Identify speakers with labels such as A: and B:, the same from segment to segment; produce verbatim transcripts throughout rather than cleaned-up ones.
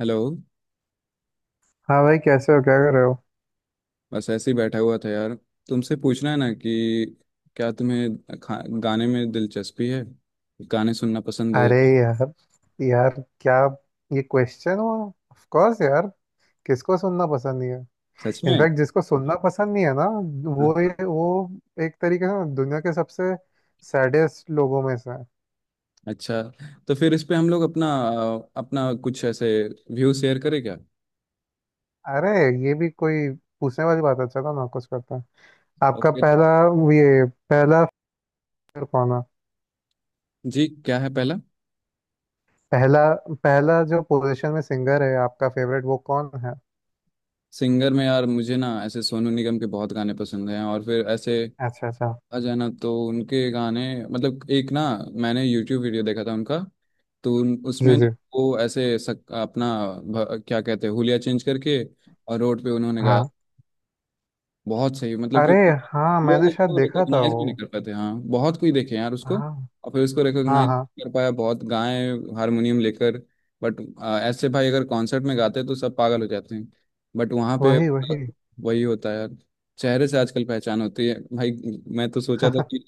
A: Hello.
B: हाँ भाई, कैसे हो, क्या कर रहे हो।
A: बस ऐसे ही बैठा हुआ था यार। तुमसे पूछना है ना कि क्या तुम्हें खा- गाने में दिलचस्पी है, गाने सुनना पसंद है?
B: अरे यार, यार क्या ये क्वेश्चन हुआ, ऑफ कोर्स यार। किसको सुनना पसंद नहीं है।
A: सच में?
B: इनफैक्ट जिसको सुनना पसंद नहीं है ना,
A: हाँ,
B: वो ये- वो एक तरीके से ना दुनिया के सबसे सैडेस्ट लोगों में से है।
A: अच्छा। तो फिर इस पे हम लोग अपना अपना कुछ ऐसे व्यू शेयर करें क्या?
B: अरे, ये भी कोई पूछने वाली बात है, चलो ना कुछ करता है। आपका
A: ओके।
B: पहला, ये पहला सिंगर कौन है।
A: जी क्या है पहला?
B: पहला पहला जो पोजीशन में सिंगर है आपका फेवरेट वो कौन है।
A: सिंगर में यार मुझे ना ऐसे सोनू निगम के बहुत गाने पसंद हैं, और फिर ऐसे
B: अच्छा, अच्छा।
A: आ जाना तो उनके गाने, मतलब एक ना, मैंने यूट्यूब वीडियो देखा था उनका। तो उन-
B: जी,
A: उसमें ना
B: जी।
A: वो ऐसे सक, अपना भ- क्या कहते हैं, हुलिया चेंज करके और रोड पे उन्होंने गाया।
B: हाँ।
A: बहुत सही, मतलब कि
B: अरे हाँ,
A: लोग
B: मैंने शायद
A: उसको
B: देखा था
A: रिकॉग्नाइज
B: वो।
A: भी नहीं कर पाते, हाँ, बहुत कोई देखे यार उसको,
B: हाँ,
A: और फिर उसको
B: हाँ,
A: रिकॉग्नाइज
B: हाँ।
A: कर पाया। बहुत गाए हारमोनियम लेकर, बट ऐसे भाई, अगर कॉन्सर्ट में गाते तो सब पागल हो जाते हैं, बट वहाँ पे
B: वही वही।
A: वही होता है यार। चेहरे से आजकल पहचान होती है भाई। मैं तो सोचा था कि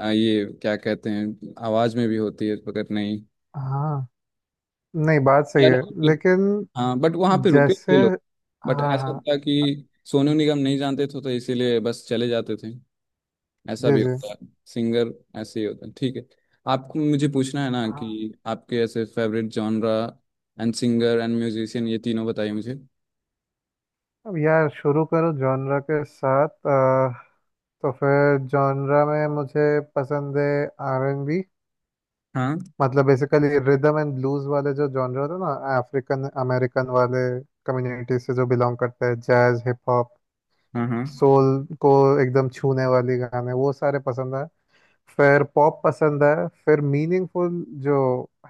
A: आ, ये क्या कहते हैं, आवाज में भी होती है, मगर नहीं
B: हाँ, नहीं, बात सही
A: यार।
B: है। लेकिन
A: हाँ, बट वहाँ पे रुके
B: जैसे,
A: थे लोग, बट
B: हाँ,
A: ऐसा
B: हाँ।
A: था कि सोनू निगम नहीं जानते थे, तो इसीलिए बस चले जाते थे। ऐसा
B: जी,
A: भी
B: जी।
A: होता है सिंगर, ऐसे ही होता है, ठीक है। आपको मुझे पूछना है ना
B: हाँ।
A: कि आपके ऐसे favourite genre and singer and musician, ये तीनों बताइए मुझे।
B: अब यार, शुरू करो जॉनरा के साथ। अ, तो फिर जॉनरा में मुझे पसंद है आर एन बी।
A: हाँ
B: मतलब बेसिकली रिदम एंड ब्लूज वाले जो जॉनरा होते हैं ना, अफ्रीकन अमेरिकन वाले कम्युनिटी से जो बिलोंग करते हैं, जैज, हिप हॉप,
A: हाँ हाँ
B: सोल को एकदम छूने वाली गाने, वो सारे पसंद है। फिर पॉप पसंद है, फिर मीनिंगफुल जो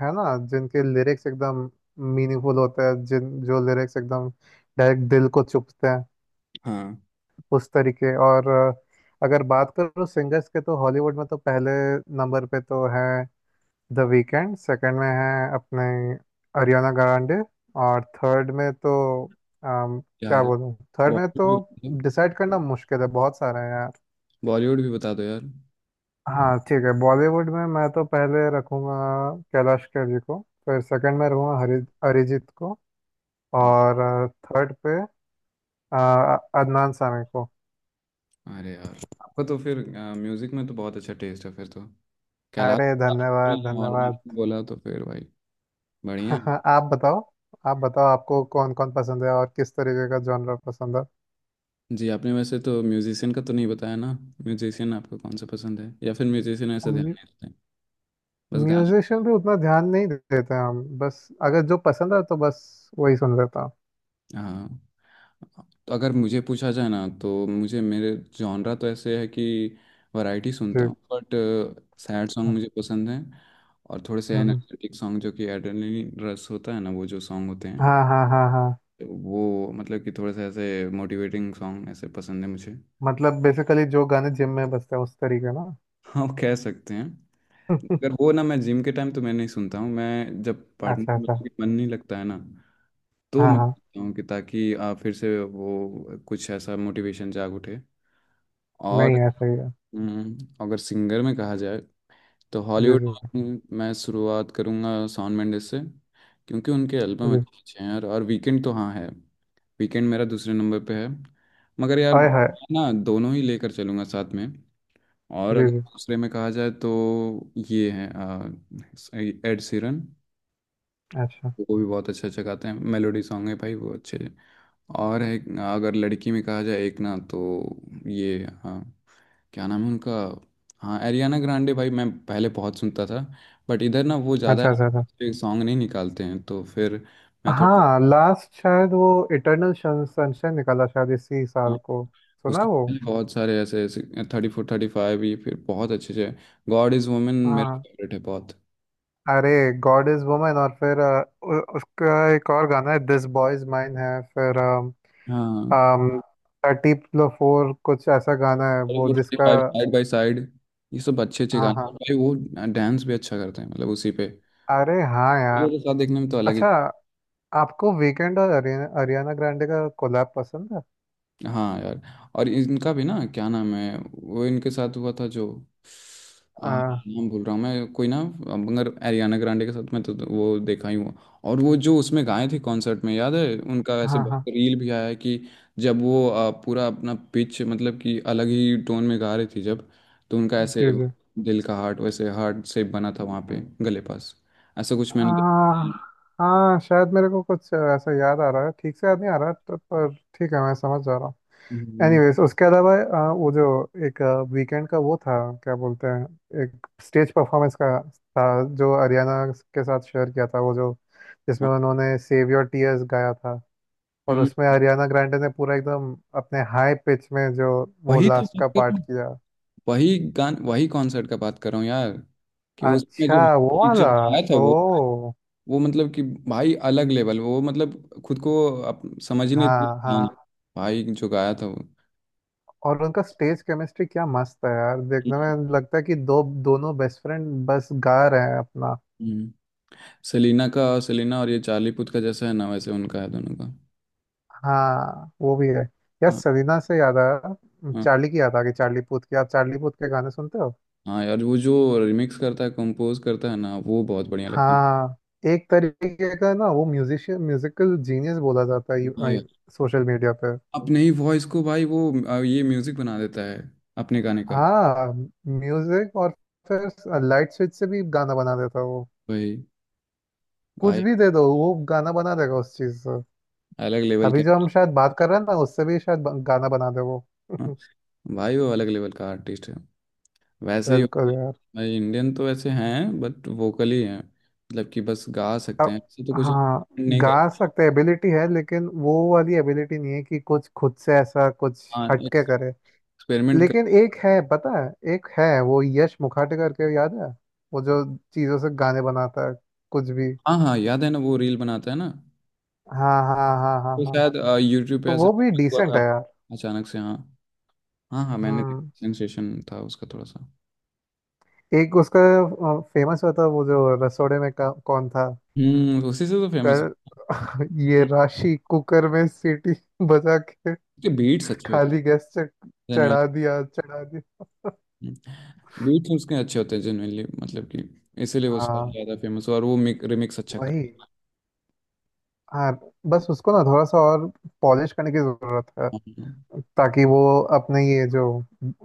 B: है ना, जिनके लिरिक्स एकदम मीनिंगफुल होते हैं, जिन जो लिरिक्स एकदम डायरेक्ट दिल को चुभते हैं
A: हाँ
B: उस तरीके। और अ, अगर बात करूँ सिंगर्स के, तो हॉलीवुड में तो पहले नंबर पे तो है द वीकेंड। सेकंड में है अपने अरियाना ग्रांडे। और थर्ड में तो अम, क्या
A: यार।
B: बोलूँ, थर्ड में तो
A: बॉलीवुड,
B: डिसाइड करना मुश्किल है, बहुत सारे हैं।
A: बॉलीवुड भी बता दो यार।
B: हाँ ठीक है, बॉलीवुड में मैं तो पहले रखूँगा कैलाश खेर जी को, फिर सेकंड में रखूँगा हरि अरिजीत को,
A: हाँ,
B: और थर्ड पे अ, अदनान सामी को।
A: अरे यार, आपका तो फिर म्यूजिक में तो बहुत अच्छा टेस्ट है, फिर तो। कैलाश
B: अरे, धन्यवाद
A: और
B: धन्यवाद।
A: बोला तो फिर भाई, बढ़िया है।
B: आप बताओ, आप बताओ, आपको कौन कौन पसंद है और किस तरीके का जॉनर पसंद है।
A: जी, आपने वैसे तो म्यूजिशियन का तो नहीं बताया ना? म्यूजिशियन आपको कौन सा पसंद है, या फिर म्यूजिशियन ऐसा ध्यान
B: म्यू-
A: नहीं रखते हैं, बस गाने?
B: म्यूजिशियन पे उतना ध्यान नहीं देते हैं हम, बस अगर जो पसंद है तो बस वही सुन लेता हूँ।
A: हाँ। तो अगर मुझे पूछा जाए ना, तो मुझे, मेरे जॉनरा तो ऐसे है कि वैरायटी
B: जी।
A: सुनता हूँ, बट सैड सॉन्ग
B: अच्छा।
A: मुझे पसंद है, और थोड़े से
B: हम्म,
A: एनर्जेटिक सॉन्ग जो कि एड्रेनलिन रश होता है ना, वो जो सॉन्ग होते हैं,
B: हाँ, हाँ, हाँ, हाँ।
A: वो, मतलब कि थोड़े से ऐसे मोटिवेटिंग सॉन्ग ऐसे पसंद है मुझे।
B: मतलब बेसिकली जो गाने जिम में बजते हैं उस तरीके ना।
A: हाँ, कह सकते हैं। अगर वो ना, मैं जिम के टाइम तो मैं नहीं सुनता हूँ, मैं जब पढ़ने
B: अच्छा,
A: में
B: अच्छा।
A: मन नहीं लगता है ना, तो
B: हाँ,
A: मैं
B: हाँ।
A: सुनता हूँ कि ताकि आ, फिर से वो कुछ ऐसा मोटिवेशन जाग उठे। और
B: नहीं, है सही है।
A: हम्म, अगर सिंगर में कहा जाए, तो
B: जी,
A: हॉलीवुड
B: जी,
A: में मैं शुरुआत करूँगा शॉन मेंडिस से, क्योंकि उनके एल्बम
B: जी।
A: अच्छे अच्छे हैं यार। और वीकेंड तो हाँ है, वीकेंड मेरा दूसरे नंबर पे है, मगर यार
B: हाय
A: मैं
B: हाय।
A: ना दोनों ही लेकर चलूँगा साथ में। और
B: जी,
A: अगर
B: जी।
A: दूसरे में कहा जाए, तो ये है एड सीरन,
B: अच्छा,
A: वो भी बहुत अच्छा अच्छा गाते हैं, मेलोडी सॉन्ग है भाई वो अच्छे। और है, अगर लड़की में कहा जाए एक ना, तो ये हाँ क्या नाम है उनका, हाँ एरियाना ग्रांडे, भाई मैं पहले बहुत सुनता था, बट इधर ना वो ज़्यादा
B: अच्छा, अच्छा, अच्छा।
A: सॉन्ग नहीं निकालते हैं, तो फिर मैं
B: हाँ,
A: थोड़ा।
B: लास्ट शायद वो इटर्नल सनशाइन निकाला शायद इसी
A: हाँ,
B: साल को। सुना
A: उसके
B: वो।
A: पहले बहुत सारे ऐसे ऐसे थर्टी फोर थर्टी फाइव, ये फिर बहुत अच्छे अच्छे। गॉड इज़ वुमेन मेरा
B: हाँ।
A: फेवरेट है बहुत।
B: अरे, गॉड इज वुमन। और फिर अ, उ, उसका एक और गाना है दिस बॉय इज माइन है। फिर
A: हाँ,
B: थर्टी फोर कुछ ऐसा गाना है
A: थर्टी
B: वो
A: फोर थर्टी
B: जिसका।
A: फाइव, साइड बाई साइड, ये सब अच्छे अच्छे
B: हाँ,
A: गाने हैं।
B: हाँ।
A: भाई वो डांस भी अच्छा करते हैं, मतलब उसी पे
B: अरे हाँ
A: दूसरों
B: यार।
A: के साथ देखने में तो अलग ही।
B: अच्छा, आपको वीकेंड और हरियाणा हरियाणा ग्रांडे का कोलैब पसंद है।
A: हाँ यार, और इनका भी ना, क्या नाम है वो, इनके साथ हुआ था जो, आ,
B: आ,
A: नाम भूल रहा हूँ मैं, कोई ना, मगर एरियाना ग्रांडे के साथ मैं तो तो वो देखा ही हुआ। और वो जो उसमें गाए थे कॉन्सर्ट में, याद है उनका ऐसे
B: हाँ, हाँ।
A: रील भी आया है, कि जब वो आ, पूरा अपना पिच, मतलब कि अलग ही टोन में गा रही थी जब, तो उनका ऐसे
B: जी, जी।
A: दिल का हार्ट, वैसे हार्ट शेप बना था वहाँ पे गले पास, ऐसा कुछ मैंने देखा है।
B: आ, हाँ, शायद मेरे को कुछ ऐसा याद आ रहा है, ठीक से याद नहीं आ रहा है, तो पर ठीक है मैं समझ जा रहा हूँ।
A: हम्म,
B: एनीवेज, उसके अलावा आ, वो जो एक वीकेंड का वो था, क्या बोलते हैं, एक स्टेज परफॉर्मेंस का था, जो हरियाणा के साथ शेयर किया था, वो जो जिसमें उन्होंने सेव योर टीयर्स गाया था। और
A: हम्म,
B: उसमें हरियाणा ग्रांडे ने पूरा एकदम अपने हाई पिच में जो वो
A: वही तो
B: लास्ट
A: बात
B: का
A: कर रहा
B: पार्ट
A: हूँ।
B: किया।
A: वही गान, वही कॉन्सर्ट का बात कर रहा हूँ यार, कि उसमें
B: अच्छा,
A: जब
B: वो वाला।
A: जब आया था
B: ओ,
A: वो वो मतलब कि भाई अलग लेवल, वो मतलब खुद को अप, समझ ही नहीं
B: हाँ,
A: था
B: हाँ।
A: भाई जो गाया था वो।
B: और उनका स्टेज केमिस्ट्री क्या मस्त है यार, देखने में लगता है कि दो दोनों बेस्ट फ्रेंड बस गा रहे हैं अपना।
A: हम्म। सेलिना का, सेलिना और ये चार्ली पुथ का जैसा है ना, वैसे उनका है दोनों का।
B: हाँ, वो भी है। यार,
A: हाँ
B: सरीना से याद आया,
A: हाँ
B: चार्ली की याद आ गई, चार्ली पूथ की। आप चार्ली पूथ के गाने सुनते हो।
A: हाँ यार, वो जो रिमिक्स करता है, कंपोज करता है ना, वो बहुत बढ़िया लगता है।
B: हाँ। एक तरीके का ना वो म्यूजिशियन, म्यूजिकल जीनियस बोला जाता
A: हाँ
B: है
A: यार,
B: सोशल मीडिया पे।
A: अपने ही वॉइस को भाई वो अ, ये म्यूजिक बना देता है अपने गाने का।
B: हाँ, म्यूजिक। और फिर लाइट स्विच से भी गाना बना देता है वो।
A: वही,
B: कुछ
A: भाई
B: भी दे दो, वो गाना बना देगा उस चीज।
A: अलग लेवल
B: अभी
A: के।
B: जो हम शायद बात कर रहे हैं ना, उससे भी शायद ब- गाना बना दे वो।
A: भाई वो अलग लेवल का आर्टिस्ट है, वैसे ही होते
B: बिल्कुल
A: हैं
B: यार।
A: भाई। इंडियन तो वैसे हैं, बट वोकली हैं, मतलब कि बस गा सकते
B: अब
A: हैं, ऐसे तो कुछ
B: हाँ।
A: नहीं
B: गा
A: करते।
B: सकते एबिलिटी है, लेकिन वो वाली एबिलिटी नहीं है कि कुछ खुद से ऐसा कुछ
A: हाँ,
B: हटके करे।
A: एक्सपेरिमेंट कर।
B: लेकिन एक है, पता है? एक है वो यश मुखाटे करके, याद है? वो जो चीजों से गाने बनाता है कुछ भी।
A: हाँ हाँ, याद है ना, वो रील बनाता है ना,
B: हाँ, हाँ, हाँ, हाँ,
A: वो
B: हाँ।
A: शायद यूट्यूब पे
B: तो
A: ऐसा
B: वो भी
A: हुआ
B: डिसेंट
A: था
B: है यार।
A: अचानक से, हाँ हाँ हाँ, मैंने देखा,
B: हम्म।
A: सेंसेशन था उसका थोड़ा सा।
B: एक उसका फेमस हुआ था वो जो रसोड़े में का, कौन था।
A: हम्म, उसी से तो फेमस
B: कर
A: है।
B: ये राशि कुकर में सीटी बजा के
A: उसके बीट्स अच्छे होते
B: खाली गैस से,
A: हैं,
B: चढ़ा दिया, चढ़ा दिया।
A: बीट्स उसके अच्छे होते हैं जेनुअनली, मतलब कि इसीलिए वो शायद
B: हाँ।
A: ज़्यादा फेमस हुआ, और वो रिमिक्स अच्छा
B: वही।
A: करता
B: हाँ, बस उसको ना थोड़ा सा और पॉलिश करने की जरूरत है,
A: है।
B: ताकि वो अपने ये जो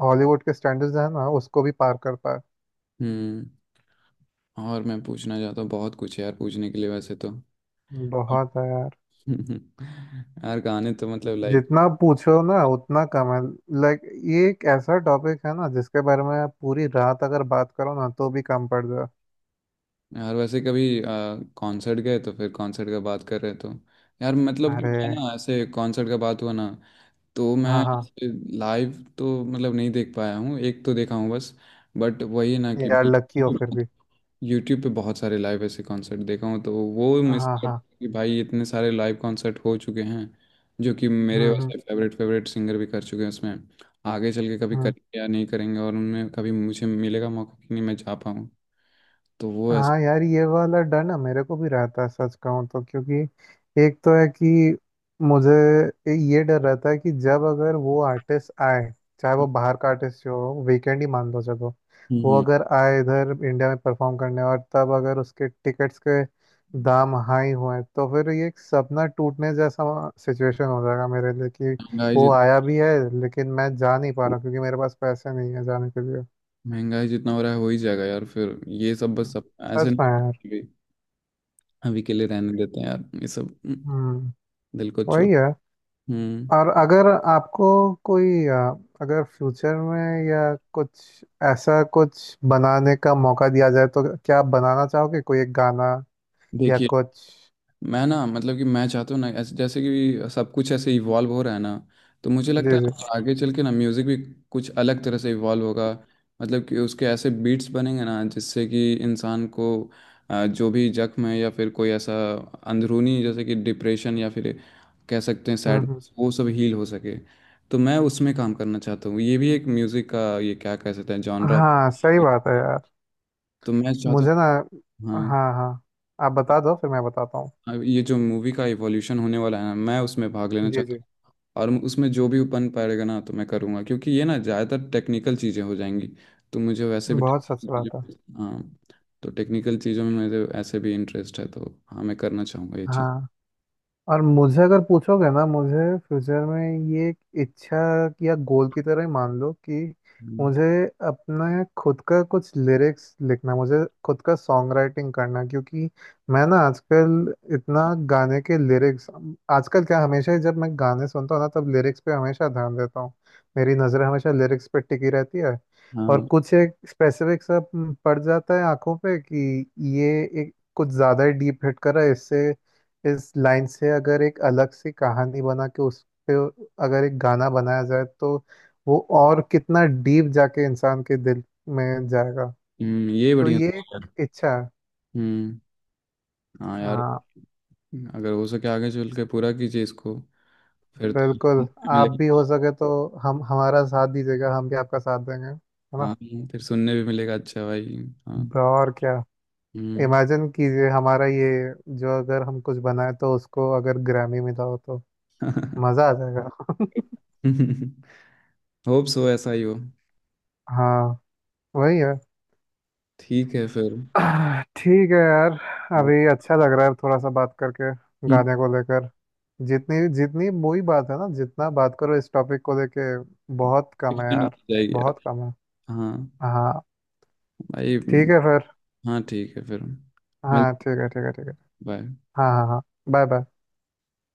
B: हॉलीवुड के स्टैंडर्ड्स हैं ना, उसको भी पार कर पाए।
A: हम्म, और मैं पूछना चाहता हूँ, बहुत कुछ है यार पूछने के लिए वैसे तो।
B: बहुत है यार।
A: यार गाने तो मतलब लाइक,
B: जितना पूछो ना उतना कम है। लाइक, ये एक ऐसा टॉपिक है ना, जिसके बारे में आप पूरी रात अगर बात करो ना, तो भी कम पड़ जाए।
A: यार वैसे कभी कॉन्सर्ट गए तो, फिर कॉन्सर्ट का बात कर रहे तो, यार मतलब कि
B: अरे,
A: मैं ना ऐसे, कॉन्सर्ट का बात हुआ ना, तो मैं
B: हाँ, हाँ,
A: लाइव तो मतलब नहीं देख पाया हूँ, एक तो देखा हूँ बस, बट वही ना कि
B: यार लकी हो फिर भी।
A: यूट्यूब पे बहुत सारे लाइव ऐसे कॉन्सर्ट देखा हूँ, तो वो मिस
B: हाँ,
A: कर
B: हाँ।
A: कि भाई इतने सारे लाइव कॉन्सर्ट हो चुके हैं, जो कि मेरे
B: हम्म, हम्म,
A: वैसे फेवरेट फेवरेट सिंगर भी कर चुके हैं उसमें, आगे चल के कभी
B: हम्म।
A: करेंगे या नहीं करेंगे, और उनमें कभी मुझे मिलेगा मौका कि नहीं, मैं जा पाऊँ। तो वो ऐसा।
B: हाँ यार, ये वाला डर ना मेरे को भी रहता है, सच कहूँ तो। क्योंकि एक तो है कि मुझे ये डर रहता है कि जब अगर वो आर्टिस्ट आए, चाहे वो बाहर का आर्टिस्ट हो, वीकेंड ही मान लो चलो, वो
A: हम्म।
B: अगर आए इधर इंडिया में परफॉर्म करने, और तब अगर उसके टिकट्स के दाम हाई हुए, तो फिर ये एक सपना टूटने जैसा सिचुएशन हो जाएगा मेरे लिए कि
A: महंगाई
B: वो
A: जित
B: आया भी है, लेकिन मैं जा नहीं पा रहा क्योंकि मेरे पास पैसे नहीं है जाने के लिए।
A: महंगाई जितना हो रहा है हो ही जाएगा यार, फिर ये सब बस, सब ऐसे
B: सच
A: नहीं
B: में यार।
A: कि, अभी के लिए रहने देते हैं यार ये सब। हम्म,
B: हम्म।
A: दिल को छोड़।
B: वही है।
A: हम्म।
B: और अगर आपको कोई अ, अगर फ्यूचर में या कुछ, ऐसा कुछ बनाने का मौका दिया जाए, तो क्या आप बनाना चाहोगे कोई एक गाना, या
A: देखिए,
B: कुछ।
A: मैं ना, मतलब कि मैं चाहता हूँ ना ऐसे, जैसे कि सब कुछ ऐसे इवॉल्व हो रहा है ना, तो मुझे
B: जी,
A: लगता है
B: जी।
A: ना आगे चल के ना म्यूज़िक भी कुछ अलग तरह से इवॉल्व होगा, मतलब कि उसके ऐसे बीट्स बनेंगे ना जिससे कि इंसान को अ, जो भी जख्म है, या फिर कोई ऐसा अंदरूनी, जैसे कि डिप्रेशन या फिर कह सकते हैं
B: हम्म, हम्म।
A: सैडनेस, वो सब हील हो सके। तो मैं उसमें काम करना चाहता हूँ, ये भी एक म्यूज़िक का ये क्या कह सकते हैं जॉनरा।
B: हाँ सही बात है यार,
A: तो मैं चाहता
B: मुझे ना,
A: हूँ हाँ।
B: हाँ, हाँ, आप बता दो फिर मैं बताता हूँ।
A: अब ये जो मूवी का इवोल्यूशन होने वाला है ना, मैं उसमें भाग लेना
B: जी,
A: चाहता
B: जी।
A: हूँ, और उसमें जो भी बन पाएगा ना तो मैं करूँगा, क्योंकि ये ना ज़्यादातर टेक्निकल चीज़ें हो जाएंगी, तो मुझे वैसे भी
B: बहुत सच
A: technical
B: बात है।
A: चीज़ें- हाँ, तो टेक्निकल चीज़ों में मुझे ऐसे भी इंटरेस्ट है, तो हाँ मैं करना चाहूँगा ये चीज़।
B: हाँ, और मुझे अगर पूछोगे ना, मुझे फ्यूचर में ये एक इच्छा या गोल की तरह ही मान लो कि
A: हम्म,
B: मुझे अपने खुद का कुछ लिरिक्स लिखना, मुझे खुद का सॉन्ग राइटिंग करना, क्योंकि मैं ना आजकल इतना गाने के लिरिक्स, आजकल क्या हमेशा ही, जब मैं गाने सुनता हूँ ना, तब लिरिक्स पे हमेशा ध्यान देता हूँ, मेरी नज़र हमेशा लिरिक्स पे टिकी रहती है। और
A: हाँ,
B: कुछ एक स्पेसिफिक सा पड़ जाता है आंखों पे कि ये एक कुछ ज़्यादा ही डीप हिट कर रहा है, इससे इस लाइन से अगर एक अलग सी कहानी बना के उस पे अगर एक गाना बनाया जाए, तो वो और कितना डीप जाके इंसान के दिल में जाएगा।
A: हम्म, ये
B: तो
A: बढ़िया
B: ये
A: सोच है
B: एक
A: यार।
B: इच्छा है।
A: हम्म, हाँ यार,
B: हाँ,
A: अगर हो सके आगे चल के पूरा कीजिए इसको, फिर तो सुनने
B: बिल्कुल।
A: भी
B: आप भी
A: मिलेगा।
B: हो सके तो हम हमारा साथ दीजिएगा, हम भी आपका साथ देंगे, है ना।
A: हाँ, फिर सुनने भी मिलेगा, अच्छा भाई। हाँ।
B: ब्रो, और क्या।
A: हम्म।
B: इमेजिन कीजिए हमारा ये जो, अगर हम कुछ बनाए तो उसको अगर ग्रैमी मिला हो तो मज़ा आ जाएगा।
A: होप सो, ऐसा ही हो।
B: हाँ, वही है।
A: ठीक है फिर।
B: आह, ठीक है यार। अभी अच्छा लग रहा है, थोड़ा सा बात करके गाने को लेकर। जितनी जितनी वही बात है ना, जितना बात करो इस टॉपिक को लेके, बहुत कम है
A: एक्सटेंड हो
B: यार।
A: जाएगी।
B: बहुत कम है।
A: हाँ
B: हाँ,
A: भाई।
B: ठीक है फिर।
A: हाँ ठीक है फिर, मिलते
B: हाँ, ठीक
A: हैं,
B: है, ठीक है, ठीक है।
A: बाय।
B: हाँ, हाँ, हाँ। Bye, bye.